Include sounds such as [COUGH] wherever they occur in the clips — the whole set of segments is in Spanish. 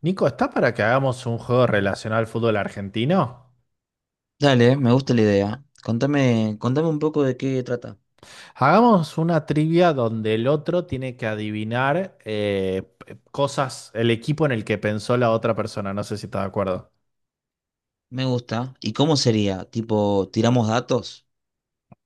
Nico, ¿estás para que hagamos un juego relacionado al fútbol argentino? Dale, me gusta la idea. Contame un poco de qué trata. Hagamos una trivia donde el otro tiene que adivinar cosas, el equipo en el que pensó la otra persona. No sé si estás de acuerdo. Me gusta. ¿Y cómo sería? Tipo, ¿tiramos datos?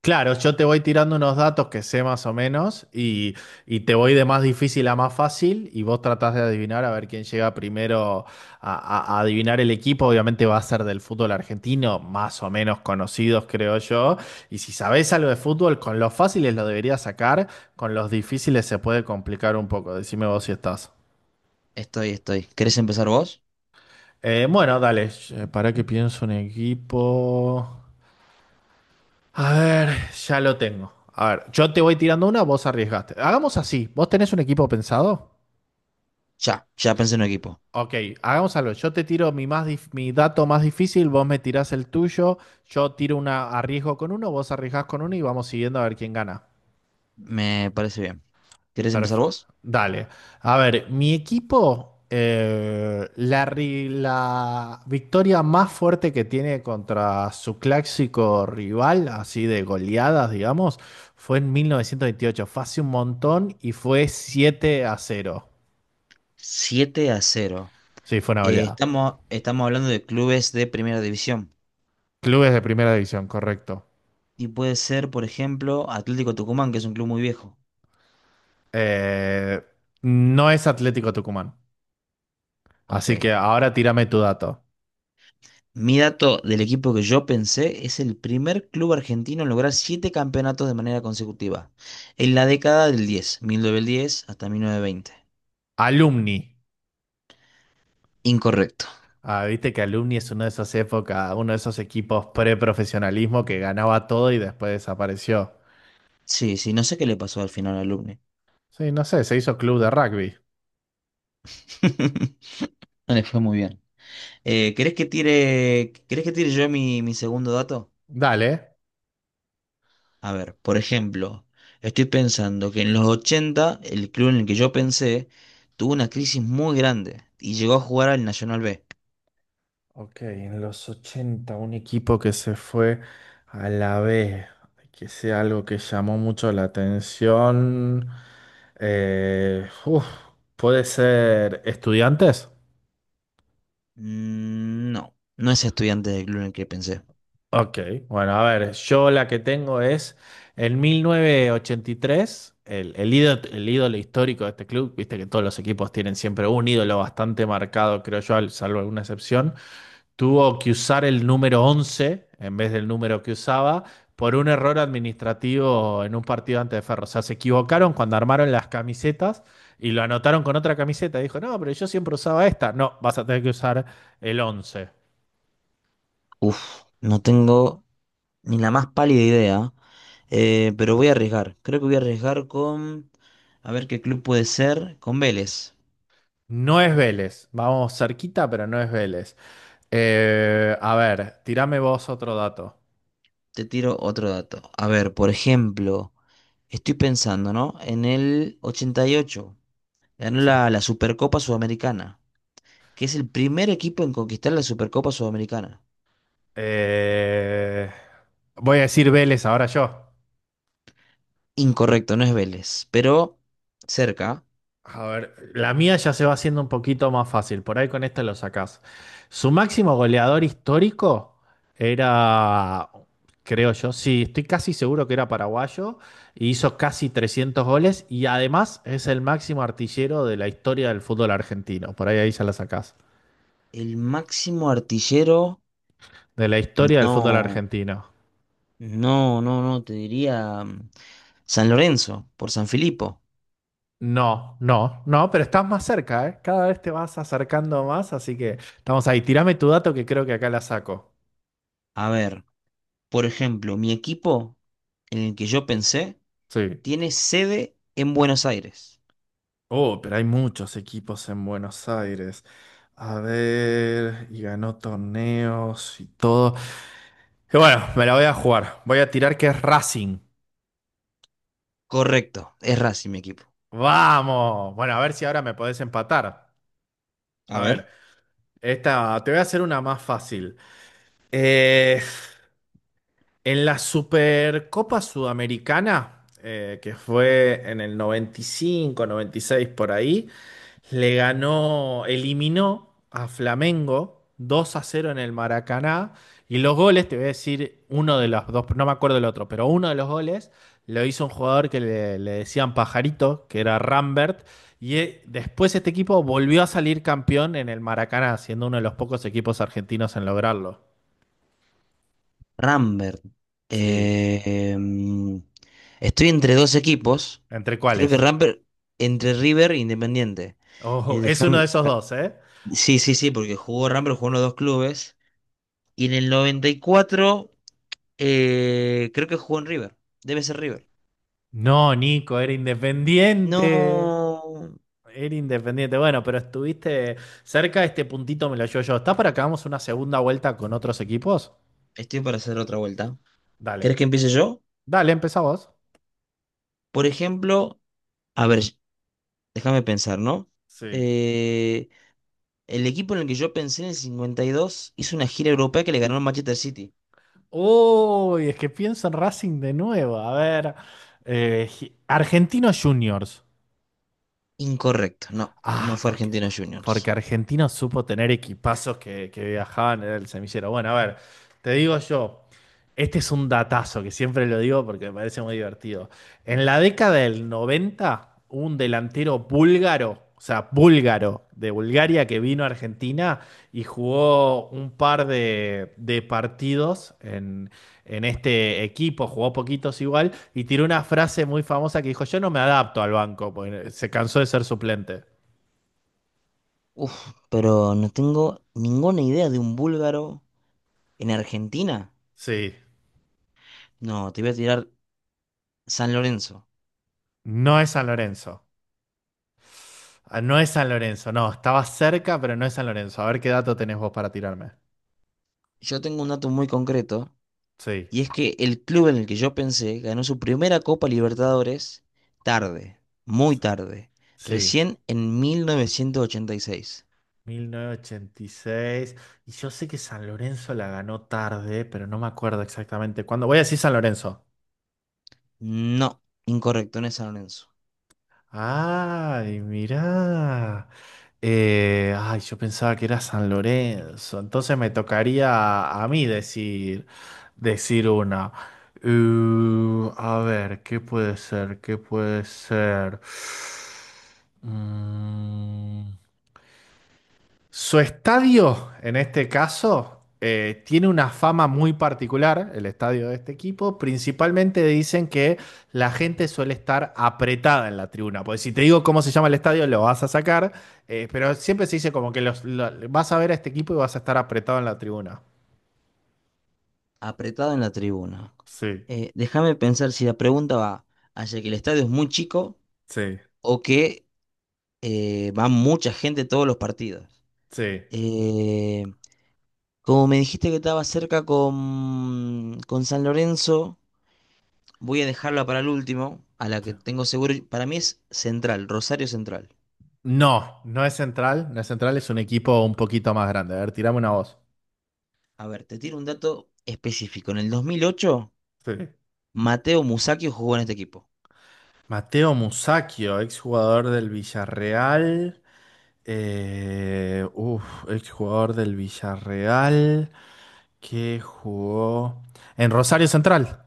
Claro, yo te voy tirando unos datos que sé más o menos y te voy de más difícil a más fácil y vos tratás de adivinar a ver quién llega primero a, a adivinar el equipo. Obviamente va a ser del fútbol argentino, más o menos conocidos creo yo. Y si sabés algo de fútbol, con los fáciles lo deberías sacar, con los difíciles se puede complicar un poco. Decime vos si estás. Estoy, estoy. ¿Querés empezar vos? Bueno, dale, para que pienso un equipo. A ver, ya lo tengo. A ver, yo te voy tirando una, vos arriesgaste. Hagamos así. ¿Vos tenés un equipo pensado? Ya, ya pensé en un equipo. Ok, hagamos algo. Yo te tiro mi dato más difícil, vos me tirás el tuyo, yo tiro una, arriesgo con uno, vos arriesgás con uno y vamos siguiendo a ver quién gana. Me parece bien. ¿Querés empezar Perfecto. vos? Dale. A ver, mi equipo, la victoria más fuerte que tiene contra su clásico rival, así de goleadas, digamos, fue en 1928. Fue hace un montón y fue 7 a cero. 7-0. Sí, fue una Eh, goleada. estamos, estamos hablando de clubes de primera división. Clubes de primera división, correcto. Y puede ser, por ejemplo, Atlético Tucumán, que es un club muy viejo. Eh, no es Atlético Tucumán. Ok. Así que ahora tírame tu dato. Mi dato del equipo que yo pensé es el primer club argentino en lograr siete campeonatos de manera consecutiva, en la década del diez, 1910 hasta 1920. Alumni. Incorrecto. Ah, viste que Alumni es una de esas épocas, uno de esos equipos pre-profesionalismo que ganaba todo y después desapareció. Sí, sí, no sé qué le pasó al final al Alumni. Sí, no sé, se hizo club de rugby. [LAUGHS] No le fue muy bien. ¿Querés que tire yo mi segundo dato? Dale. A ver, por ejemplo, estoy pensando que en los 80 el club en el que yo pensé tuvo una crisis muy grande y llegó a jugar al Nacional B. Ok, en los 80 un equipo que se fue a la B, que sea algo que llamó mucho la atención. Eh, uf, puede ser estudiantes. Mm, no, no es estudiante del club en el que pensé. Ok, bueno, a ver, yo la que tengo es en 1983, el ídolo histórico de este club, viste que todos los equipos tienen siempre un ídolo bastante marcado, creo yo, salvo alguna excepción, tuvo que usar el número 11 en vez del número que usaba por un error administrativo en un partido antes de Ferro. O sea, se equivocaron cuando armaron las camisetas y lo anotaron con otra camiseta. Dijo, no, pero yo siempre usaba esta. No, vas a tener que usar el 11. Uf, no tengo ni la más pálida idea, pero voy a arriesgar. Creo que voy a arriesgar con, a ver qué club puede ser. Con Vélez. No es Vélez. Vamos cerquita, pero no es Vélez. A ver, tirame vos otro dato. Te tiro otro dato. A ver, por ejemplo, estoy pensando, ¿no? En el 88 ganó Sí. la Supercopa Sudamericana, que es el primer equipo en conquistar la Supercopa Sudamericana. Eh, Voy a decir Vélez ahora yo. Incorrecto, no es Vélez, pero cerca. A ver, la mía ya se va haciendo un poquito más fácil. Por ahí con esta lo sacás. Su máximo goleador histórico era, creo yo, sí, estoy casi seguro que era paraguayo. Y hizo casi 300 goles y además es el máximo artillero de la historia del fútbol argentino. Por ahí ahí ya la sacás. El máximo artillero. De la historia del fútbol No, argentino. no, no, no, te diría San Lorenzo, por San Filipo. No, no, no, pero estás más cerca, ¿eh? Cada vez te vas acercando más, así que estamos ahí. Tirame tu dato que creo que acá la saco. A ver, por ejemplo, mi equipo en el que yo pensé Sí. tiene sede en Buenos Aires. Oh, pero hay muchos equipos en Buenos Aires. A ver, y ganó torneos y todo. Y bueno, me la voy a jugar. Voy a tirar que es Racing. Correcto, es Racing mi equipo. Vamos. Bueno, a ver si ahora me podés empatar. A A ver, ver, esta, te voy a hacer una más fácil. Eh, En la Supercopa Sudamericana, que fue en el noventa noventa y cinco noventa y seis por ahí, le ganó, eliminó a Flamengo 2 a cero en el Maracaná. Y los goles, te voy a decir uno de los dos, no me acuerdo el otro, pero uno de los goles lo hizo un jugador que le decían Pajarito, que era Rambert. Y después este equipo volvió a salir campeón en el Maracaná, siendo uno de los pocos equipos argentinos en lograrlo. Rambert. Sí. eh, mm, estoy entre dos equipos. ¿Entre Creo que cuáles? Rambert entre River e Independiente. Eh, Ojo, es uno déjame- de esos dos, ¿eh? Sí, sí, sí, porque jugó Rambert, jugó en los dos clubes. Y en el 94, creo que jugó en River. Debe ser River. No, Nico, era independiente. No. Era independiente. Bueno, pero estuviste cerca, este puntito me lo llevo yo. ¿Estás para que hagamos una segunda vuelta con otros equipos? Estoy para hacer otra vuelta. Dale. ¿Querés que empiece yo? Dale, empezá vos. Por ejemplo, a ver, déjame pensar, ¿no? Sí. Eh, el equipo en el que yo pensé en el 52 hizo una gira europea que le ganó al Manchester City. Uy, es que pienso en Racing de nuevo. A ver, eh, Argentinos Juniors. Incorrecto, no, no Ah, fue porque, Argentinos Juniors. porque Argentina supo tener equipazos que viajaban en el semillero. Bueno, a ver, te digo yo, este es un datazo que siempre lo digo porque me parece muy divertido. En la década del 90, un delantero búlgaro, o sea, búlgaro de Bulgaria que vino a Argentina y jugó un par de partidos en este equipo, jugó poquitos igual, y tiró una frase muy famosa que dijo, yo no me adapto al banco, porque se cansó de ser suplente. Uf, pero no tengo ninguna idea de un búlgaro en Argentina. Sí, No, te voy a tirar San Lorenzo. no es San Lorenzo. Ah, no es San Lorenzo, no, estaba cerca, pero no es San Lorenzo. A ver qué dato tenés vos para tirarme. Yo tengo un dato muy concreto. Sí, Y es que el club en el que yo pensé ganó su primera Copa Libertadores tarde, muy tarde, sí, recién en 1986. 1986. Y seis. Y yo sé que San Lorenzo la ganó tarde, pero no me acuerdo exactamente cuándo. Voy a decir San Lorenzo. No, incorrecto, no es San Lorenzo. Ay, mirá. Yo pensaba que era San Lorenzo. Entonces me tocaría a mí decir, decir una. A ver, ¿qué puede ser? ¿Qué puede ser? Mm. Su estadio, en este caso, tiene una fama muy particular, el estadio de este equipo. Principalmente dicen que la gente suele estar apretada en la tribuna. Pues si te digo cómo se llama el estadio, lo vas a sacar. Pero siempre se dice como que vas a ver a este equipo y vas a estar apretado en la tribuna. Apretado en la tribuna. Sí, Déjame pensar si la pregunta va hacia que el estadio es muy chico sí, o que va mucha gente todos los partidos. sí. Eh, como me dijiste que estaba cerca con, San Lorenzo. Voy a dejarla para el último, a la Sí. que tengo seguro. Para mí es Central, Rosario Central. No, no es Central. No es Central, es un equipo un poquito más grande. A ver, tirame una voz. A ver, te tiro un dato específico. En el 2008, Sí. Mateo Musacchio jugó en este equipo. Mateo Musacchio, exjugador del Villarreal. Eh, uf, exjugador del Villarreal que jugó en Rosario Central.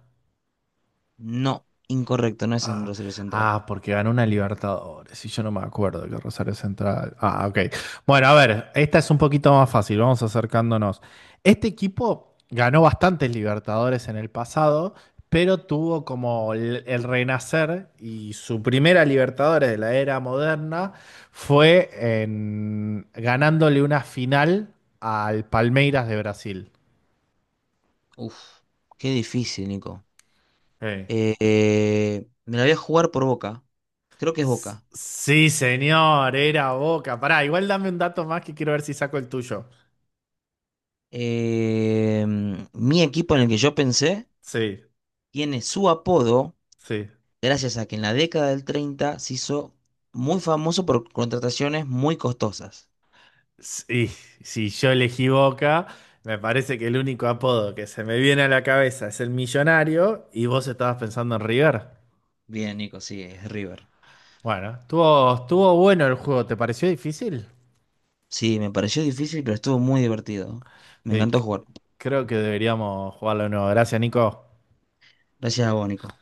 No, incorrecto, no es en Ah, Rosario Central. ah, porque ganó una Libertadores y yo no me acuerdo que Rosario Central. Ah, ok. Bueno, a ver, esta es un poquito más fácil, vamos acercándonos. Este equipo ganó bastantes Libertadores en el pasado, pero tuvo como el renacer y su primera Libertadores de la era moderna fue ganándole una final al Palmeiras de Brasil. Uf, qué difícil, Nico. Eh. Me la voy a jugar por Boca. Creo que es S- Boca. Sí, señor, era Boca. Pará, igual dame un dato más que quiero ver si saco el tuyo. Eh, mi equipo en el que yo pensé Sí, tiene su apodo sí. gracias a que en la década del 30 se hizo muy famoso por contrataciones muy costosas. Sí, si yo elegí Boca, me parece que el único apodo que se me viene a la cabeza es el millonario y vos estabas pensando en River. Bien, Nico, sí, es River. Bueno, estuvo, estuvo bueno el juego, ¿te pareció difícil? Sí, me pareció difícil, pero estuvo muy divertido. Me Sí, encantó jugar. creo que deberíamos jugarlo de nuevo. Gracias, Nico. Gracias a vos, Nico.